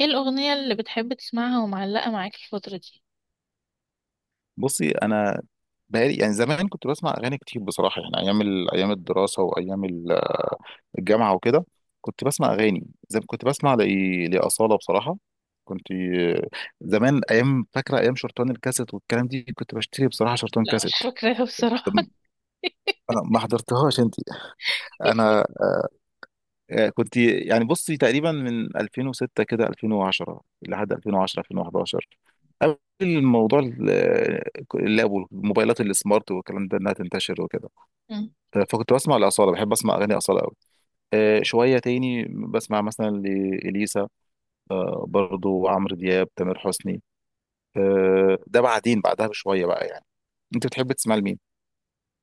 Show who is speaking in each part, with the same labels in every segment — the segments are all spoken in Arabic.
Speaker 1: ايه الأغنية اللي بتحب تسمعها ومعلقة معاك الفترة دي؟
Speaker 2: بصي، انا بقالي يعني زمان كنت بسمع اغاني كتير بصراحه. يعني ايام ايام الدراسه، وايام الجامعه وكده. كنت بسمع اغاني زي ما كنت بسمع لاصاله بصراحه. كنت زمان، ايام، فاكره ايام شرطان الكاسيت والكلام دي، كنت بشتري بصراحه شرطان
Speaker 1: لا، مش
Speaker 2: كاسيت.
Speaker 1: فاكراها بصراحة.
Speaker 2: أنا ما حضرتهاش، انت. انا، كنت يعني بصي تقريبا من 2006 كده 2010 لحد 2010 2011، قبل الموضوع اللاب والموبايلات السمارت والكلام ده انها تنتشر وكده.
Speaker 1: مم.
Speaker 2: فكنت بسمع لأصالة، بحب أسمع أغاني أصالة أوي. شوية تاني بسمع مثلا لإليسا. برضو عمرو دياب، تامر حسني. ده بعدين بعدها بشوية بقى يعني. أنت بتحب تسمع لمين؟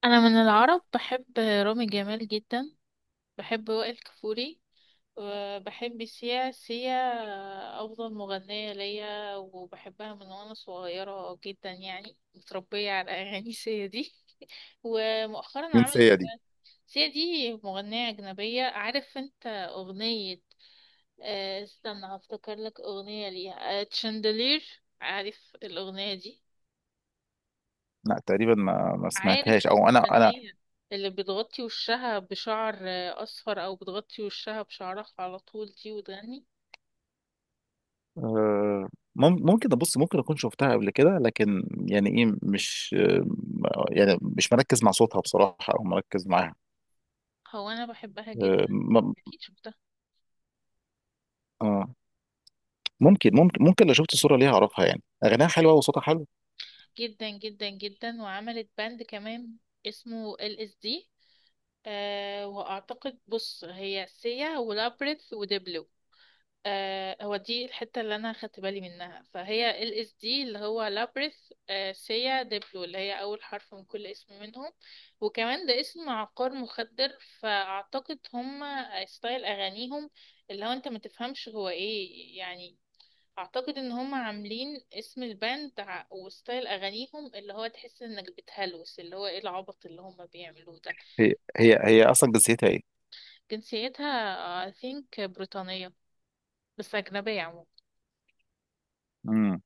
Speaker 1: أنا من العرب بحب رامي جمال جدا، بحب وائل كفوري، وبحب سيا. سيا أفضل مغنية ليا، وبحبها من وأنا صغيرة جدا، يعني متربية على أغاني سيا دي. ومؤخرا
Speaker 2: مين
Speaker 1: عملت...
Speaker 2: سيا دي؟
Speaker 1: سيا دي مغنية أجنبية، عارف أنت أغنية؟ استنى هفتكر لك أغنية ليها، تشاندلير، عارف الأغنية دي؟
Speaker 2: لا تقريبا ما
Speaker 1: عارف
Speaker 2: سمعتهاش، أو أنا
Speaker 1: المغنية اللي بتغطي وشها بشعر أصفر، أو بتغطي وشها بشعرها على طول دي وتغني.
Speaker 2: آه، ممكن أبص. ممكن أكون شفتها قبل كده، لكن يعني إيه، مش يعني مش مركز مع صوتها بصراحة، أو مركز معاها.
Speaker 1: هو أنا بحبها
Speaker 2: آه،
Speaker 1: جدا،
Speaker 2: م-
Speaker 1: أكيد شفتها.
Speaker 2: آه، ممكن ممكن لو شفت صورة ليها أعرفها. يعني أغانيها حلوة وصوتها حلو.
Speaker 1: جدا جدا جدا، وعملت باند كمان اسمه ال اس دي. أه وأعتقد، بص، هي سيا ولابريث ودبلو. آه، هو دي الحتة اللي أنا خدت بالي منها، فهي ال اس دي اللي هو لابريث، آه، سيا، ديبلو، اللي هي أول حرف من كل اسم منهم. وكمان ده اسم عقار مخدر، فأعتقد هم ستايل أغانيهم اللي هو أنت ما تفهمش هو إيه، يعني أعتقد إن هم عاملين اسم الباند وستايل أغانيهم اللي هو تحس إنك بتهلوس، اللي هو إيه العبط اللي هم بيعملوه ده.
Speaker 2: هي اصلا جنسيتها ايه؟
Speaker 1: جنسيتها I think بريطانية، بس أجنبية عموما.
Speaker 2: امم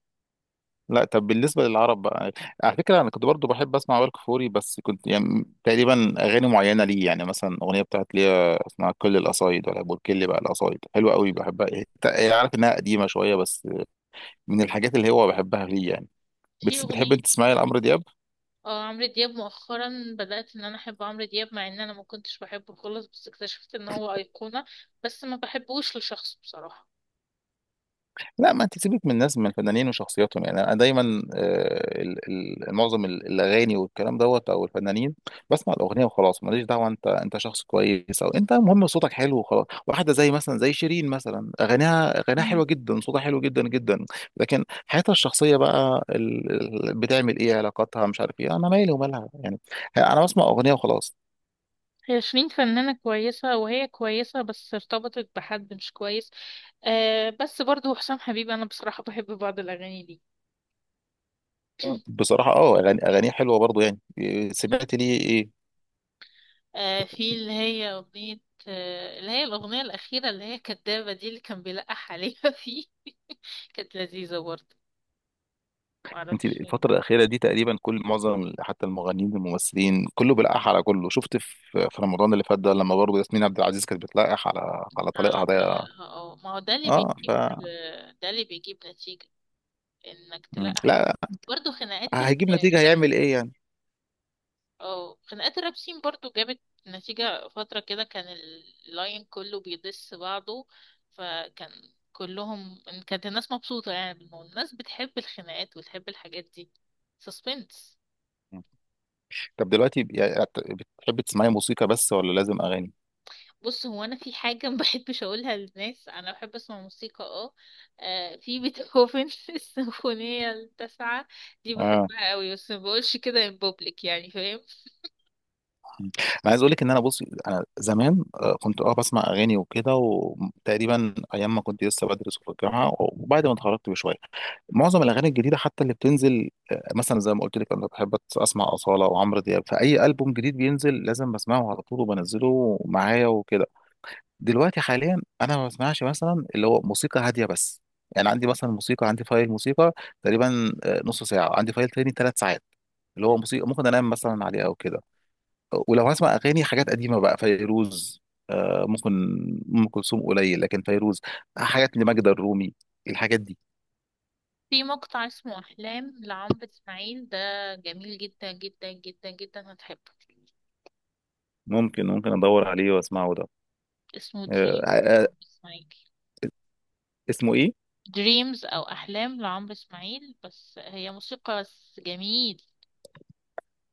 Speaker 2: لا، طب بالنسبه للعرب بقى، على فكره انا كنت برضو بحب اسمع وائل كفوري، بس كنت يعني تقريبا اغاني معينه ليه. يعني مثلا اغنيه بتاعت ليه اسمها كل القصايد، ولا بركل بقى. القصايد حلوه قوي بحبها. هي عارف انها قديمه شويه، بس من الحاجات اللي هو بحبها ليه يعني.
Speaker 1: في
Speaker 2: بتحب
Speaker 1: أغنية.
Speaker 2: انت
Speaker 1: آه،
Speaker 2: تسمعي لعمرو دياب؟
Speaker 1: اه، عمرو دياب مؤخرا بدأت ان انا احب عمرو دياب، مع ان انا ما كنتش بحبه خالص، بس اكتشفت ان هو أيقونة، بس ما بحبوش لشخصه بصراحة.
Speaker 2: لا، ما انت سيبك من الناس، من الفنانين وشخصياتهم. يعني انا دايما معظم الاغاني والكلام دوت او الفنانين، بسمع الاغنيه وخلاص. ماليش دعوه انت انت شخص كويس او انت، المهم صوتك حلو وخلاص. واحده زي مثلا زي شيرين مثلا، اغانيها
Speaker 1: مم.
Speaker 2: حلوه جدا، صوتها حلو جدا جدا. لكن حياتها الشخصيه بقى، بتعمل ايه، علاقاتها، مش عارف ايه. انا مالي ومالها يعني، انا بسمع اغنيه وخلاص.
Speaker 1: هي شيرين فنانة كويسة، وهي كويسة، بس ارتبطت بحد مش كويس. آه، بس برضو حسام حبيب أنا بصراحة بحب بعض الأغاني دي.
Speaker 2: بصراحه اه، اغاني اغانيها حلوه برضو. يعني سمعت ليه ايه؟
Speaker 1: آه، في اللي هي أغنية، آه، اللي هي الأغنية الأخيرة اللي هي كدابة دي اللي كان بيلقح عليها فيه، كانت لذيذة برضو.
Speaker 2: انت
Speaker 1: معرفش.
Speaker 2: الفترة الأخيرة دي تقريبا كل معظم حتى المغنيين والممثلين كله بيلقح على كله. شفت في في رمضان اللي فات ده، لما برضه ياسمين عبد العزيز كانت بتلقح على
Speaker 1: على
Speaker 2: طليقها ده.
Speaker 1: طريقها، اه، ما هو ده اللي
Speaker 2: اه، ف
Speaker 1: بيجيب، ده اللي بيجيب نتيجة، انك
Speaker 2: مم.
Speaker 1: تلاقي حد.
Speaker 2: لا،
Speaker 1: برضه خناقات
Speaker 2: هيجيب نتيجة،
Speaker 1: الراب.
Speaker 2: هيعمل ايه يعني.
Speaker 1: اه، خناقات الرابسين برضه جابت نتيجة فترة كده. كان اللاين كله بيدس بعضه. فكان كلهم، إن كانت الناس مبسوطة يعني بالموضوع، الناس بتحب الخناقات وتحب الحاجات دي. سسبنس.
Speaker 2: مم. طب دلوقتي، يعني بتحب تسمعي موسيقى بس، ولا لازم أغاني؟
Speaker 1: بص، هو انا في حاجه ما بحبش اقولها للناس، انا بحب اسمع موسيقى. اه، في بيتهوفن السيمفونيه التاسعه دي
Speaker 2: اه
Speaker 1: بحبها قوي، بس ما بقولش كده ان بوبليك، يعني فاهم.
Speaker 2: مم. انا عايز اقول لك ان انا، بص، انا زمان كنت اه بسمع اغاني وكده. وتقريبا ايام ما كنت لسه بدرس في الجامعه وبعد ما اتخرجت بشويه، معظم الاغاني الجديده حتى اللي بتنزل، مثلا زي ما قلت لك، انا بحب اسمع اصاله وعمرو دياب. فاي البوم جديد بينزل لازم بسمعه على طول وبنزله معايا وكده. دلوقتي حاليا انا ما بسمعش، مثلا اللي هو موسيقى هاديه بس.
Speaker 1: م-
Speaker 2: يعني عندي مثلا موسيقى، عندي فايل موسيقى تقريبا نص ساعه، عندي فايل تاني ثلاث ساعات، اللي
Speaker 1: م.
Speaker 2: هو موسيقى ممكن انام مثلا عليها او كده. ولو هسمع اغاني، حاجات قديمه بقى، فيروز ممكن. ام كلثوم قليل، لكن فيروز، حاجات لماجدة الرومي، الحاجات دي.
Speaker 1: في مقطع اسمه احلام لعمرو اسماعيل ده، جميل جدا جدا جدا جدا، هتحبه.
Speaker 2: ممكن ادور عليه واسمعه ده.
Speaker 1: اسمه
Speaker 2: آه،
Speaker 1: دريمز
Speaker 2: آه، آه،
Speaker 1: لعمرو اسماعيل.
Speaker 2: اسمه ايه؟
Speaker 1: دريمز او احلام لعمرو اسماعيل، بس هي موسيقى بس جميل.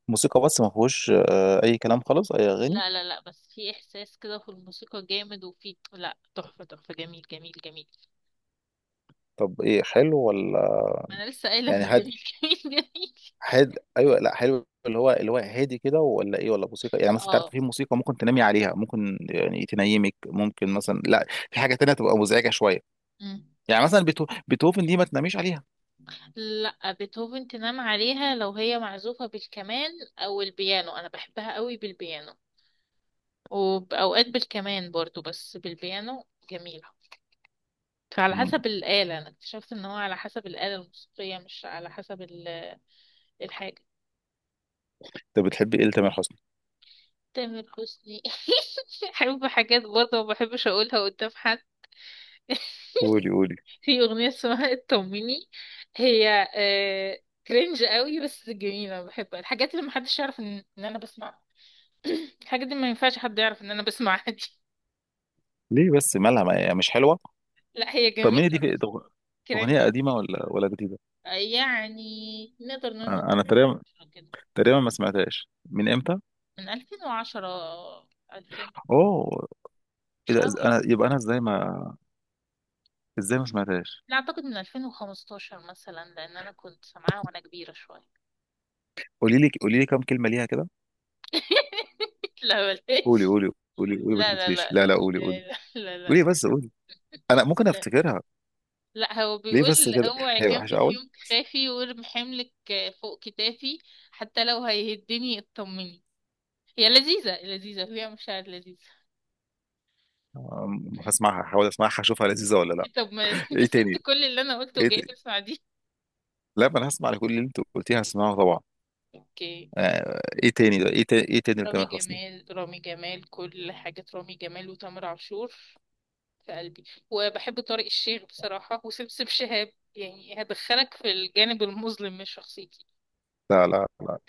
Speaker 2: موسيقى بس ما فيهوش اي كلام خالص، اي اغاني.
Speaker 1: لا لا لا، بس في احساس كده في الموسيقى جامد، وفي، لا، تحفة تحفة، جميل جميل جميل.
Speaker 2: طب ايه، حلو ولا،
Speaker 1: انا لسه قايلة
Speaker 2: يعني
Speaker 1: انه
Speaker 2: هاد،
Speaker 1: جميل. جميل. جميل.
Speaker 2: هاد ايوه. لا حلو. اللي هو اللي هو هادي كده، ولا ايه، ولا موسيقى، يعني مثلا انت عارف
Speaker 1: اه.
Speaker 2: في موسيقى ممكن تنامي عليها، ممكن يعني تنيمك. ممكن
Speaker 1: م-
Speaker 2: مثلا لا، في حاجه تانية تبقى مزعجه شويه.
Speaker 1: م.
Speaker 2: يعني مثلا بيتهوفن دي ما تناميش عليها.
Speaker 1: لا، بيتهوفن تنام عليها لو هي معزوفة بالكمان او البيانو، انا بحبها قوي بالبيانو، وبأوقات بالكمان برضو، بس بالبيانو جميلة. فعلى
Speaker 2: مم.
Speaker 1: حسب الآلة، أنا اكتشفت إن هو على حسب الآلة الموسيقية، مش على حسب الحاجة.
Speaker 2: انت بتحبي ايه لتامر حسني؟
Speaker 1: تامر حسني، بحب حاجات برضه ما بحبش أقولها قدام حد.
Speaker 2: قولي قولي.
Speaker 1: في أغنية اسمها اطمني، هي آه كرنج قوي، بس جميلة بحبها. الحاجات اللي محدش يعرف إن انا بسمعها، الحاجات دي ما ينفعش حد يعرف ان انا بسمعها دي.
Speaker 2: ليه بس، مالها، ما هي مش حلوه؟
Speaker 1: لا، هي
Speaker 2: طب مين دي
Speaker 1: جميلة
Speaker 2: في...
Speaker 1: بس كرنج.
Speaker 2: أغنية قديمة ولا ولا جديدة؟
Speaker 1: يعني نقدر نقول من
Speaker 2: أنا تقريبا،
Speaker 1: 2000 كده،
Speaker 2: تقريبا ما سمعتهاش من امتى.
Speaker 1: من 2010 2000،
Speaker 2: اوه.
Speaker 1: مش
Speaker 2: اذا
Speaker 1: قوي يعني.
Speaker 2: انا، يبقى انا ازاي ما، ازاي ما سمعتهاش؟
Speaker 1: لا، اعتقد من 2015 مثلا، لان انا كنت سامعاها وانا كبيرة شوية.
Speaker 2: قولي لي قولي لي كم كلمه ليها كده.
Speaker 1: لا
Speaker 2: قولي
Speaker 1: بلاش.
Speaker 2: قولي. قولي قولي ما
Speaker 1: لا لا
Speaker 2: تكتفيش.
Speaker 1: لا
Speaker 2: لا لا،
Speaker 1: لا
Speaker 2: قولي قولي.
Speaker 1: لا. لا لا.
Speaker 2: قولي بس قولي، انا ممكن
Speaker 1: لا.
Speaker 2: افتكرها.
Speaker 1: لا، هو
Speaker 2: ليه بس
Speaker 1: بيقول
Speaker 2: كده؟
Speaker 1: اوعي
Speaker 2: هي
Speaker 1: جنبي
Speaker 2: وحشه
Speaker 1: في
Speaker 2: قوي؟
Speaker 1: يوم تخافي، وارمي حملك فوق كتافي، حتى لو هيهدني اطمني. هي لذيذة لذيذة، فيها مشاعر لذيذة.
Speaker 2: أم، هسمعها، هحاول اسمعها، اشوفها لذيذه ولا لا.
Speaker 1: طب ما انت
Speaker 2: ايه
Speaker 1: سبت
Speaker 2: تاني؟
Speaker 1: كل اللي انا قلته
Speaker 2: ايه
Speaker 1: وجاي
Speaker 2: تاني؟
Speaker 1: تسمع دي.
Speaker 2: لا، ما انا هسمع لكل اللي انت قلتيه، هسمعه طبعا.
Speaker 1: اوكي.
Speaker 2: ايه تاني ده، ايه تاني، ايه تاني
Speaker 1: رامي
Speaker 2: لتامر حسني؟
Speaker 1: جمال، رامي جمال، كل حاجة رامي جمال وتامر عاشور. في قلبي. وبحب طارق الشيخ بصراحة وسمسم شهاب، يعني هدخلك في الجانب المظلم من شخصيتي.
Speaker 2: لا لا لا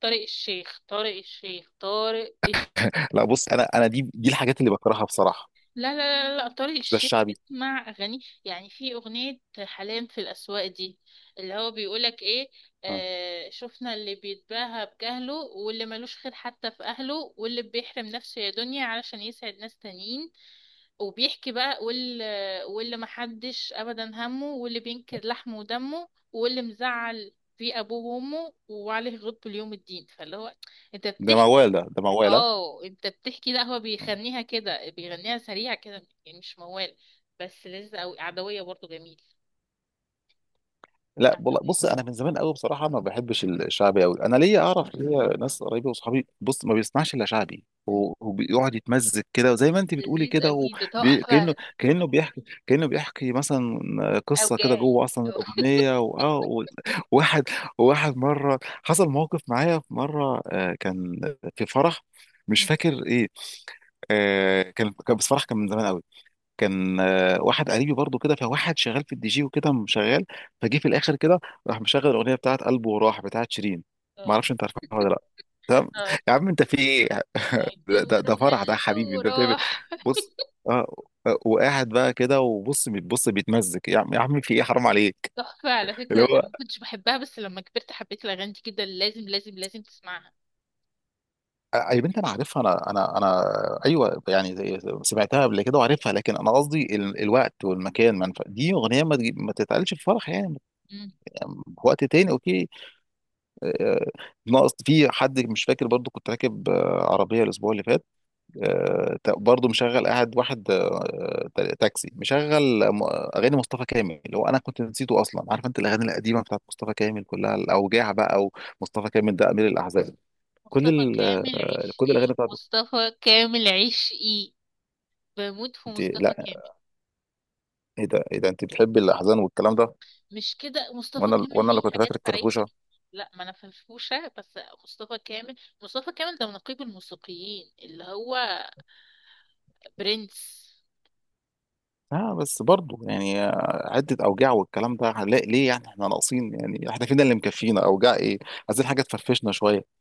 Speaker 1: طارق الشيخ، طارق الشيخ، طارق.
Speaker 2: لا. بص انا، دي الحاجات اللي بكرهها بصراحه.
Speaker 1: لا لا لا لا، طارق
Speaker 2: مش ده
Speaker 1: الشيخ
Speaker 2: الشعبي؟
Speaker 1: اسمع اغاني، يعني في اغنيه حلام في الاسواق دي اللي هو بيقولك ايه.
Speaker 2: آه.
Speaker 1: آه، شفنا اللي بيتباهى بجهله، واللي ملوش خير حتى في اهله، واللي بيحرم نفسه يا دنيا علشان يسعد ناس تانيين، وبيحكي بقى، واللي محدش ابدا همه، واللي بينكر لحمه ودمه، واللي مزعل في ابوه وامه وعليه غضب اليوم الدين. فاللي هو انت
Speaker 2: ده
Speaker 1: بتحكي.
Speaker 2: موال، ده موال.
Speaker 1: اه، انت بتحكي. لا، هو
Speaker 2: آه.
Speaker 1: بيغنيها كده، بيغنيها سريع كده، يعني مش موال. بس لذيذ قوي. عدوية برضو جميل.
Speaker 2: لا والله،
Speaker 1: عدوية.
Speaker 2: بص انا من زمان قوي بصراحه ما بحبش الشعبي قوي. انا ليا، اعرف ليا ناس قريبه وصحابي بص ما بيسمعش الا شعبي.
Speaker 1: مم.
Speaker 2: وبيقعد يتمزج كده، وزي ما انت بتقولي
Speaker 1: لذيذ
Speaker 2: كده.
Speaker 1: قوي، ده تحفة.
Speaker 2: كانه بيحكي، كانه بيحكي مثلا قصه كده
Speaker 1: اوجاعي.
Speaker 2: جوه اصلا الاغنيه، واه، واحد، مره حصل موقف معايا. في مره كان في فرح، مش
Speaker 1: مم.
Speaker 2: فاكر ايه. كان بس فرح، كان من زمان قوي. كان واحد قريبي برضو كده، فواحد شغال في الدي جي وكده شغال. فجه في الاخر كده، راح مشغل الاغنيه بتاعت قلبه، وراح بتاعت شيرين. ما
Speaker 1: اه،
Speaker 2: اعرفش انت عارفها ولا لا. تمام.
Speaker 1: اه،
Speaker 2: يا عم انت في ايه؟ ده, ده,
Speaker 1: اعتبره
Speaker 2: ده فرح ده، يا
Speaker 1: قلبي
Speaker 2: حبيبي، انت بتعمل إيه؟
Speaker 1: وراح.
Speaker 2: بص، اه. وقاعد بقى كده وبص بتبص بيتمزج. يا عم، يا عم في ايه، حرام عليك.
Speaker 1: تحفة، على فكرة
Speaker 2: اللي
Speaker 1: انا
Speaker 2: هو
Speaker 1: ما كنتش بحبها، بس لما كبرت حبيت الاغاني دي جدا. لازم لازم لازم تسمعها.
Speaker 2: يا بنت انا عارفها، انا. ايوه، يعني سمعتها قبل كده وعارفها. لكن انا قصدي الوقت والمكان ما دي اغنيه ما ما تتقالش في فرح يعني.
Speaker 1: مم.
Speaker 2: في وقت تاني، اوكي. آه، ناقص. في حد مش فاكر. برضو كنت راكب عربية الأسبوع اللي فات. برضو مشغل قاعد واحد تاكسي مشغل أغاني مصطفى كامل، اللي هو أنا كنت نسيته أصلا. عارف أنت الأغاني القديمة بتاعت مصطفى كامل كلها الأوجاع بقى، ومصطفى كامل ده أمير الأحزان. كل
Speaker 1: مصطفى كامل عيش
Speaker 2: كل
Speaker 1: ايه،
Speaker 2: الأغاني بتاعته.
Speaker 1: مصطفى كامل عيش ايه، بموت في
Speaker 2: أنت
Speaker 1: مصطفى
Speaker 2: لا.
Speaker 1: كامل.
Speaker 2: إيه ده، إيه ده، أنت بتحبي الأحزان والكلام ده؟
Speaker 1: مش كده، مصطفى
Speaker 2: وأنا
Speaker 1: كامل
Speaker 2: وأنا اللي
Speaker 1: ليه
Speaker 2: كنت
Speaker 1: حاجات
Speaker 2: فاكرك
Speaker 1: فريحك.
Speaker 2: فرفوشة.
Speaker 1: لا، ما انا فرفوشه بس. مصطفى كامل، مصطفى كامل ده نقيب الموسيقيين، اللي هو برنس.
Speaker 2: اه بس برضه يعني عدة أوجاع والكلام ده، هنلاقي ليه يعني، احنا ناقصين؟ يعني احنا فينا اللي مكفينا، أوجاع ايه؟ عايزين حاجة تفرفشنا شوية.